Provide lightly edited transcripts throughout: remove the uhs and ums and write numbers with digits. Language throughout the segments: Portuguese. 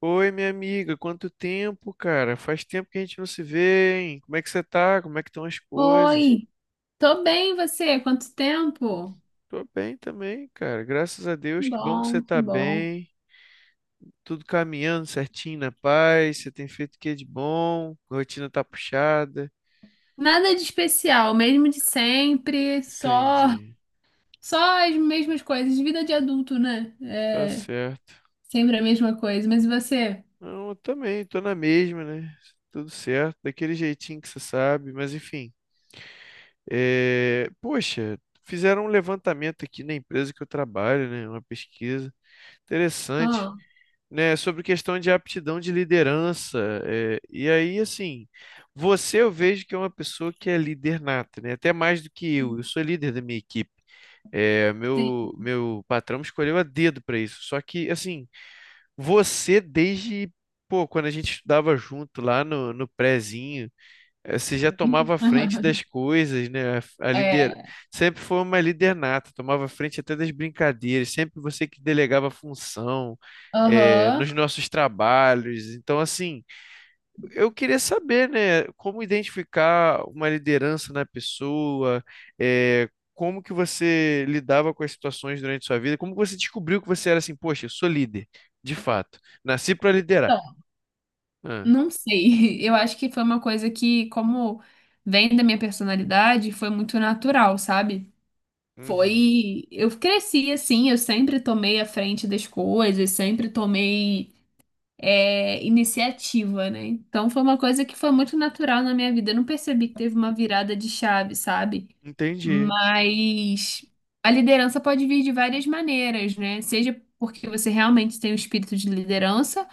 Oi, minha amiga, quanto tempo, cara? Faz tempo que a gente não se vê, hein? Como é que você tá? Como é que estão as coisas? Oi, tô bem, e você? Quanto tempo? Tô bem também, cara. Graças a Que Deus, que bom que bom, você que tá bom. bem. Tudo caminhando certinho na paz. Você tem feito o que de bom? Rotina tá puxada. Nada de especial, mesmo de sempre, só Entendi. só as mesmas coisas, vida de adulto, né? Tá certo. Sempre a mesma coisa. Mas e você? Não, eu também tô na mesma, né? Tudo certo, daquele jeitinho que você sabe, mas enfim. Poxa, fizeram um levantamento aqui na empresa que eu trabalho, né? Uma pesquisa. Interessante, Ah, né? Sobre questão de aptidão de liderança. E aí, assim, você eu vejo que é uma pessoa que é líder nata, né? Até mais do que eu. Eu sou líder da minha equipe. É, sim. meu patrão me escolheu a dedo para isso. Só que, assim, você desde, pô, quando a gente estudava junto lá no prézinho você já tomava a frente das coisas, né? A líder É, sempre foi uma líder nata, tomava a frente até das brincadeiras, sempre você que delegava função, aham. nos nossos trabalhos. Então, assim, eu queria saber, né, como identificar uma liderança na pessoa, como que você lidava com as situações durante sua vida, como você descobriu que você era assim, poxa, eu sou líder, de fato, nasci para liderar. Então, Ah, não sei. Eu acho que foi uma coisa que, como vem da minha personalidade, foi muito natural, sabe? uhum. Foi. Eu cresci assim, eu sempre tomei a frente das coisas, sempre tomei iniciativa, né? Então foi uma coisa que foi muito natural na minha vida. Eu não percebi que teve uma virada de chave, sabe? Entendi. Mas a liderança pode vir de várias maneiras, né? Seja porque você realmente tem o espírito de liderança,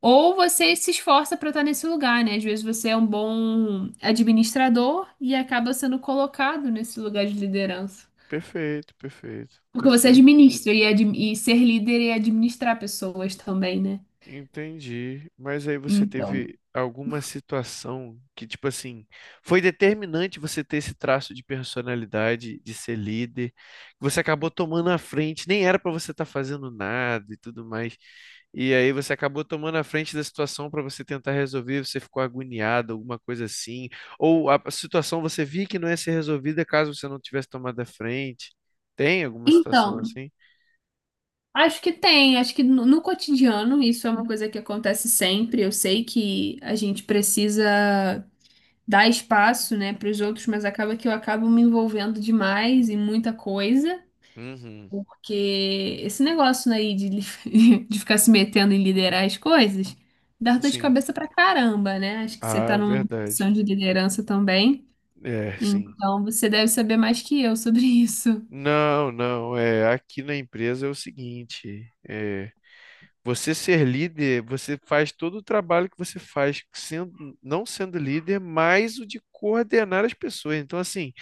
ou você se esforça para estar nesse lugar, né? Às vezes você é um bom administrador e acaba sendo colocado nesse lugar de liderança. Perfeito, perfeito. Tá Porque você certo. administra e, e ser líder é administrar pessoas também, né? Entendi. Mas aí você Então, teve alguma situação que, tipo assim, foi determinante você ter esse traço de personalidade, de ser líder, que você acabou tomando a frente, nem era para você estar fazendo nada e tudo mais. E aí você acabou tomando a frente da situação para você tentar resolver, você ficou agoniado, alguma coisa assim, ou a situação você via que não ia ser resolvida caso você não tivesse tomado a frente. Tem alguma situação então, assim? acho que tem, acho que no cotidiano isso é uma coisa que acontece sempre. Eu sei que a gente precisa dar espaço, né, para os outros, mas acaba que eu acabo me envolvendo demais em muita coisa, Uhum, porque esse negócio né, aí de, de ficar se metendo em liderar as coisas dá dor de sim. cabeça pra caramba, né? Acho que você tá Ah, numa verdade. posição de liderança também. É, sim. Então você deve saber mais que eu sobre isso. Não, não. É, aqui na empresa é o seguinte, é, você ser líder, você faz todo o trabalho que você faz sendo, não sendo líder, mais o de coordenar as pessoas. Então, assim,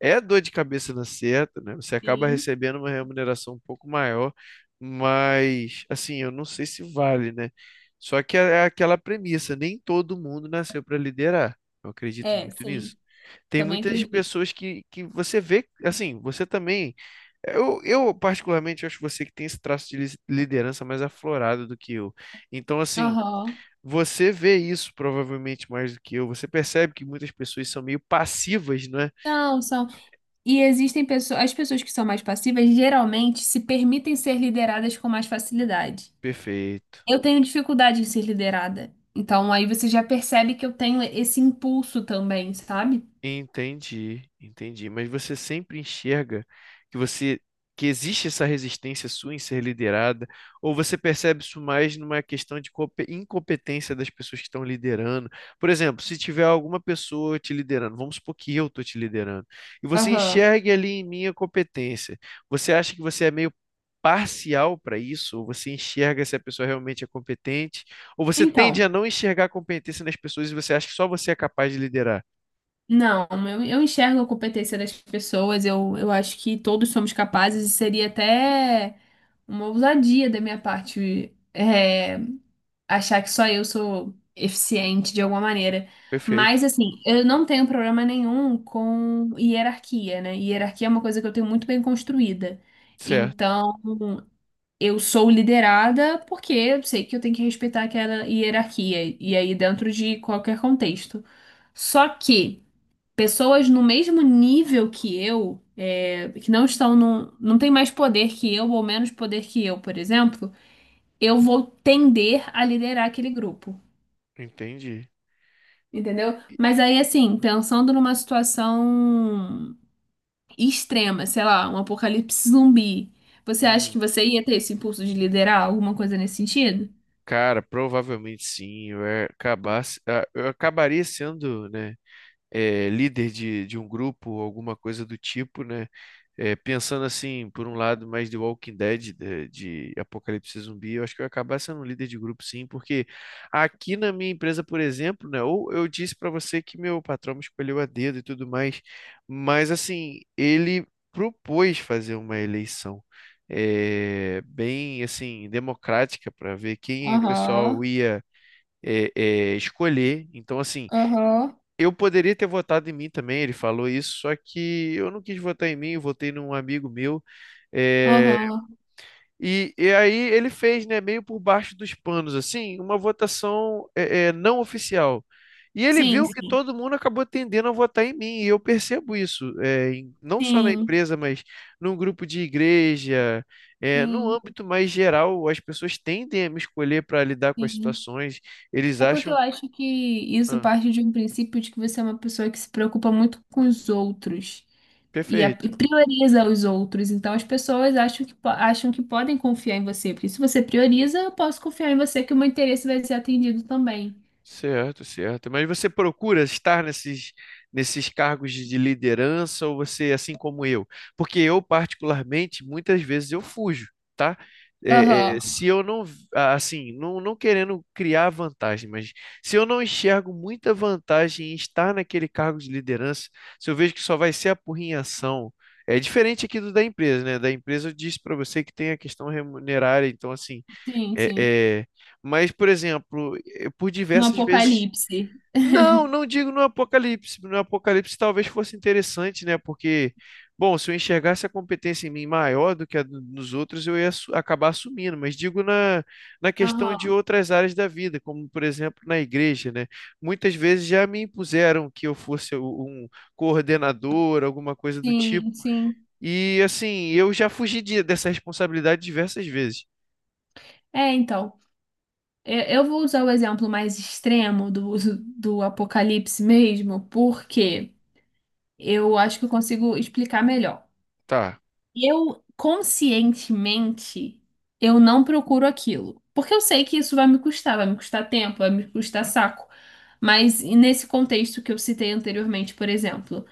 é dor de cabeça na certa, né? Você acaba Sim. recebendo uma remuneração um pouco maior, mas, assim, eu não sei se vale, né? Só que é aquela premissa, nem todo mundo nasceu para liderar. Eu acredito É, muito nisso. sim. Tem Também muitas acredito. pessoas que você vê, assim, você também eu, particularmente, acho você que tem esse traço de liderança mais aflorado do que eu. Então, assim, Aham. você vê isso provavelmente mais do que eu. Você percebe que muitas pessoas são meio passivas, não é? São, são. E existem pessoas, as pessoas que são mais passivas geralmente se permitem ser lideradas com mais facilidade. Perfeito. Eu tenho dificuldade em ser liderada. Então aí você já percebe que eu tenho esse impulso também, sabe? Entendi, entendi. Mas você sempre enxerga que você que existe essa resistência sua em ser liderada, ou você percebe isso mais numa questão de incompetência das pessoas que estão liderando? Por exemplo, se tiver alguma pessoa te liderando, vamos supor que eu estou te liderando, e você Aham. enxergue ali em mim a competência, você acha que você é meio parcial para isso, ou você enxerga se a pessoa realmente é competente, ou você tende Então. a não enxergar a competência nas pessoas e você acha que só você é capaz de liderar? Não, eu enxergo a competência das pessoas, eu acho que todos somos capazes e seria até uma ousadia da minha parte achar que só eu sou eficiente de alguma maneira. Perfeito. Mas, assim, eu não tenho problema nenhum com hierarquia, né? Hierarquia é uma coisa que eu tenho muito bem construída. Certo, Então, eu sou liderada porque eu sei que eu tenho que respeitar aquela hierarquia, e aí dentro de qualquer contexto. Só que pessoas no mesmo nível que eu, que não estão num, não tem mais poder que eu ou menos poder que eu, por exemplo, eu vou tender a liderar aquele grupo, entendi. entendeu? Mas aí, assim, pensando numa situação extrema, sei lá, um apocalipse zumbi, você acha que Uhum. você ia ter esse impulso de liderar alguma coisa nesse sentido? Cara, provavelmente sim. Eu ia acabar, eu acabaria sendo, né? Líder de um grupo, alguma coisa do tipo, né? É, pensando assim, por um lado, mais de Walking Dead, de Apocalipse Zumbi, eu acho que eu ia acabar sendo um líder de grupo, sim, porque aqui na minha empresa, por exemplo, né? Ou eu disse para você que meu patrão me escolheu a dedo e tudo mais, mas assim, ele propôs fazer uma eleição. Bem assim democrática para ver quem o pessoal Aham, ia é, escolher. Então, assim, aham. eu poderia ter votado em mim também, ele falou isso, só que eu não quis votar em mim, eu votei num amigo meu. é, Aham. e aí ele fez, né, meio por baixo dos panos, assim, uma votação não oficial. E ele Sim, viu que sim. todo mundo acabou tendendo a votar em mim, e eu percebo isso, não só na Sim, empresa, mas num grupo de igreja, no sim, âmbito mais geral, as pessoas tendem a me escolher para lidar com as sim. situações, eles É porque eu acham. acho que isso Ah, parte de um princípio de que você é uma pessoa que se preocupa muito com os outros e, perfeito. e prioriza os outros. Então as pessoas acham que, acham que podem confiar em você, porque se você prioriza, eu posso confiar em você que o meu interesse vai ser atendido também. Certo, certo. Mas você procura estar nesses cargos de liderança ou você, é assim como eu? Porque eu, particularmente, muitas vezes eu fujo, tá? Aham, Se eu não, ah, assim, não, não querendo criar vantagem, mas se eu não enxergo muita vantagem em estar naquele cargo de liderança, se eu vejo que só vai ser apurrinhação, é diferente aqui do da empresa, né? Da empresa eu disse para você que tem a questão remunerária, então, assim sim, é, sim. é, mas, por exemplo, por No diversas vezes. apocalipse. Não, não digo no Apocalipse. No Apocalipse talvez fosse interessante, né? Porque, bom, se eu enxergasse a competência em mim maior do que nos outros, acabar assumindo. Mas digo na, na questão de Aham, outras áreas da vida, como, por exemplo, na igreja, né? Muitas vezes já me impuseram que eu fosse um coordenador, alguma coisa do tipo. sim, sim. E, assim, eu já fugi dessa responsabilidade diversas vezes. É, então. Eu vou usar o exemplo mais extremo do uso do apocalipse mesmo, porque eu acho que eu consigo explicar melhor. Tá. Eu conscientemente eu não procuro aquilo, porque eu sei que isso vai me custar tempo, vai me custar saco. Mas e nesse contexto que eu citei anteriormente, por exemplo,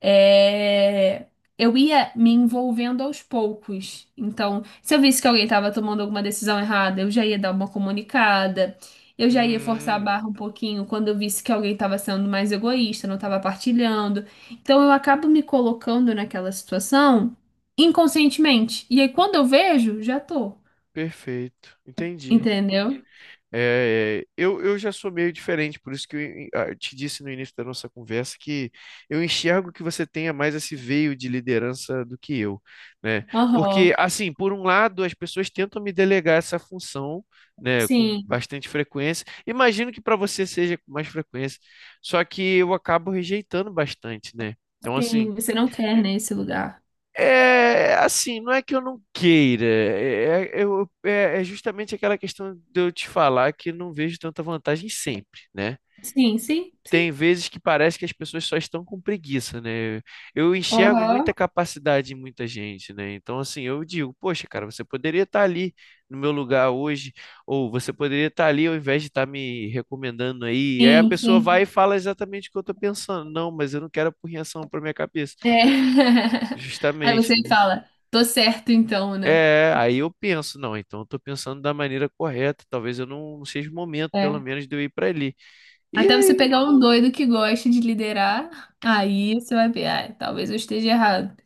é, eu ia me envolvendo aos poucos. Então, se eu visse que alguém estava tomando alguma decisão errada, eu já ia dar uma comunicada, eu já ia forçar a Hum. barra um pouquinho quando eu visse que alguém estava sendo mais egoísta, não estava partilhando. Então, eu acabo me colocando naquela situação inconscientemente. E aí, quando eu vejo, já tô. Perfeito, entendi. Entendeu? É, é, eu já sou meio diferente, por isso que eu eu te disse no início da nossa conversa que eu enxergo que você tenha mais esse veio de liderança do que eu, né? Porque, Aham. assim, por um lado, as pessoas tentam me delegar essa função, né, com Sim, bastante frequência. Imagino que para você seja com mais frequência, só que eu acabo rejeitando bastante, né? Então, assim. sim. Você não quer, né, esse lugar. É, assim, não é que eu não queira, é justamente aquela questão de eu te falar que eu não vejo tanta vantagem sempre, né? Sim, sim, Tem sim. vezes que parece que as pessoas só estão com preguiça, né? Eu enxergo muita Aham. capacidade em muita gente, né? Então, assim, eu digo, poxa, cara, você poderia estar ali no meu lugar hoje, ou você poderia estar ali ao invés de estar me recomendando aí. E aí a Sim, pessoa vai e sim. fala exatamente o que eu estou pensando. Não, mas eu não quero por reação para minha cabeça. É. Aí você Justamente, né? fala, tô certo então, né? É, aí eu penso, não, então eu tô pensando da maneira correta, talvez eu não, não seja o momento, pelo É. menos, de eu ir pra ali. E Até você aí, pegar um doido que gosta de liderar, aí você vai ver, ah, talvez eu esteja errado.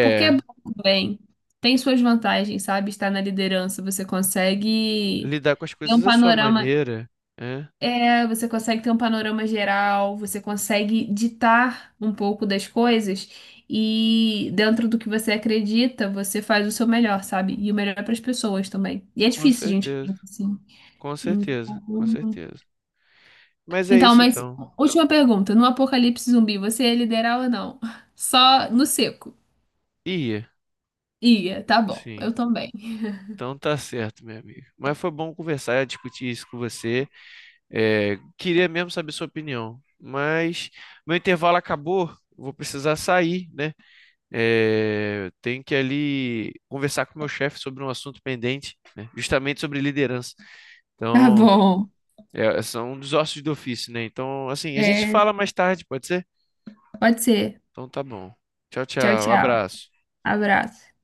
Porque é bom também. Tem suas vantagens, sabe? Estar na liderança, você consegue lidar com as ter um coisas da sua panorama. maneira, é, É, você consegue ter um panorama geral, você consegue ditar um pouco das coisas e dentro do que você acredita, você faz o seu melhor, sabe? E o melhor para as pessoas também. E é com difícil, gente, certeza, assim. com certeza, com Então, certeza. Mas é então, isso mas então. última pergunta, no apocalipse zumbi, você ia liderar ou não? Só no seco. Ia, Ia, tá bom. sim. Eu também. Então tá certo, meu amigo. Mas foi bom conversar, discutir isso com você. É, queria mesmo saber sua opinião, mas meu intervalo acabou, vou precisar sair, né? É, tenho que ali conversar com o meu chefe sobre um assunto pendente, né? Justamente sobre liderança. Tá Então, bom. São um dos ossos do ofício, né? Então, assim, a gente É, fala mais tarde, pode ser? pode ser. Então tá bom. Tchau, Tchau, tchau. tchau. Abraço. Abraço.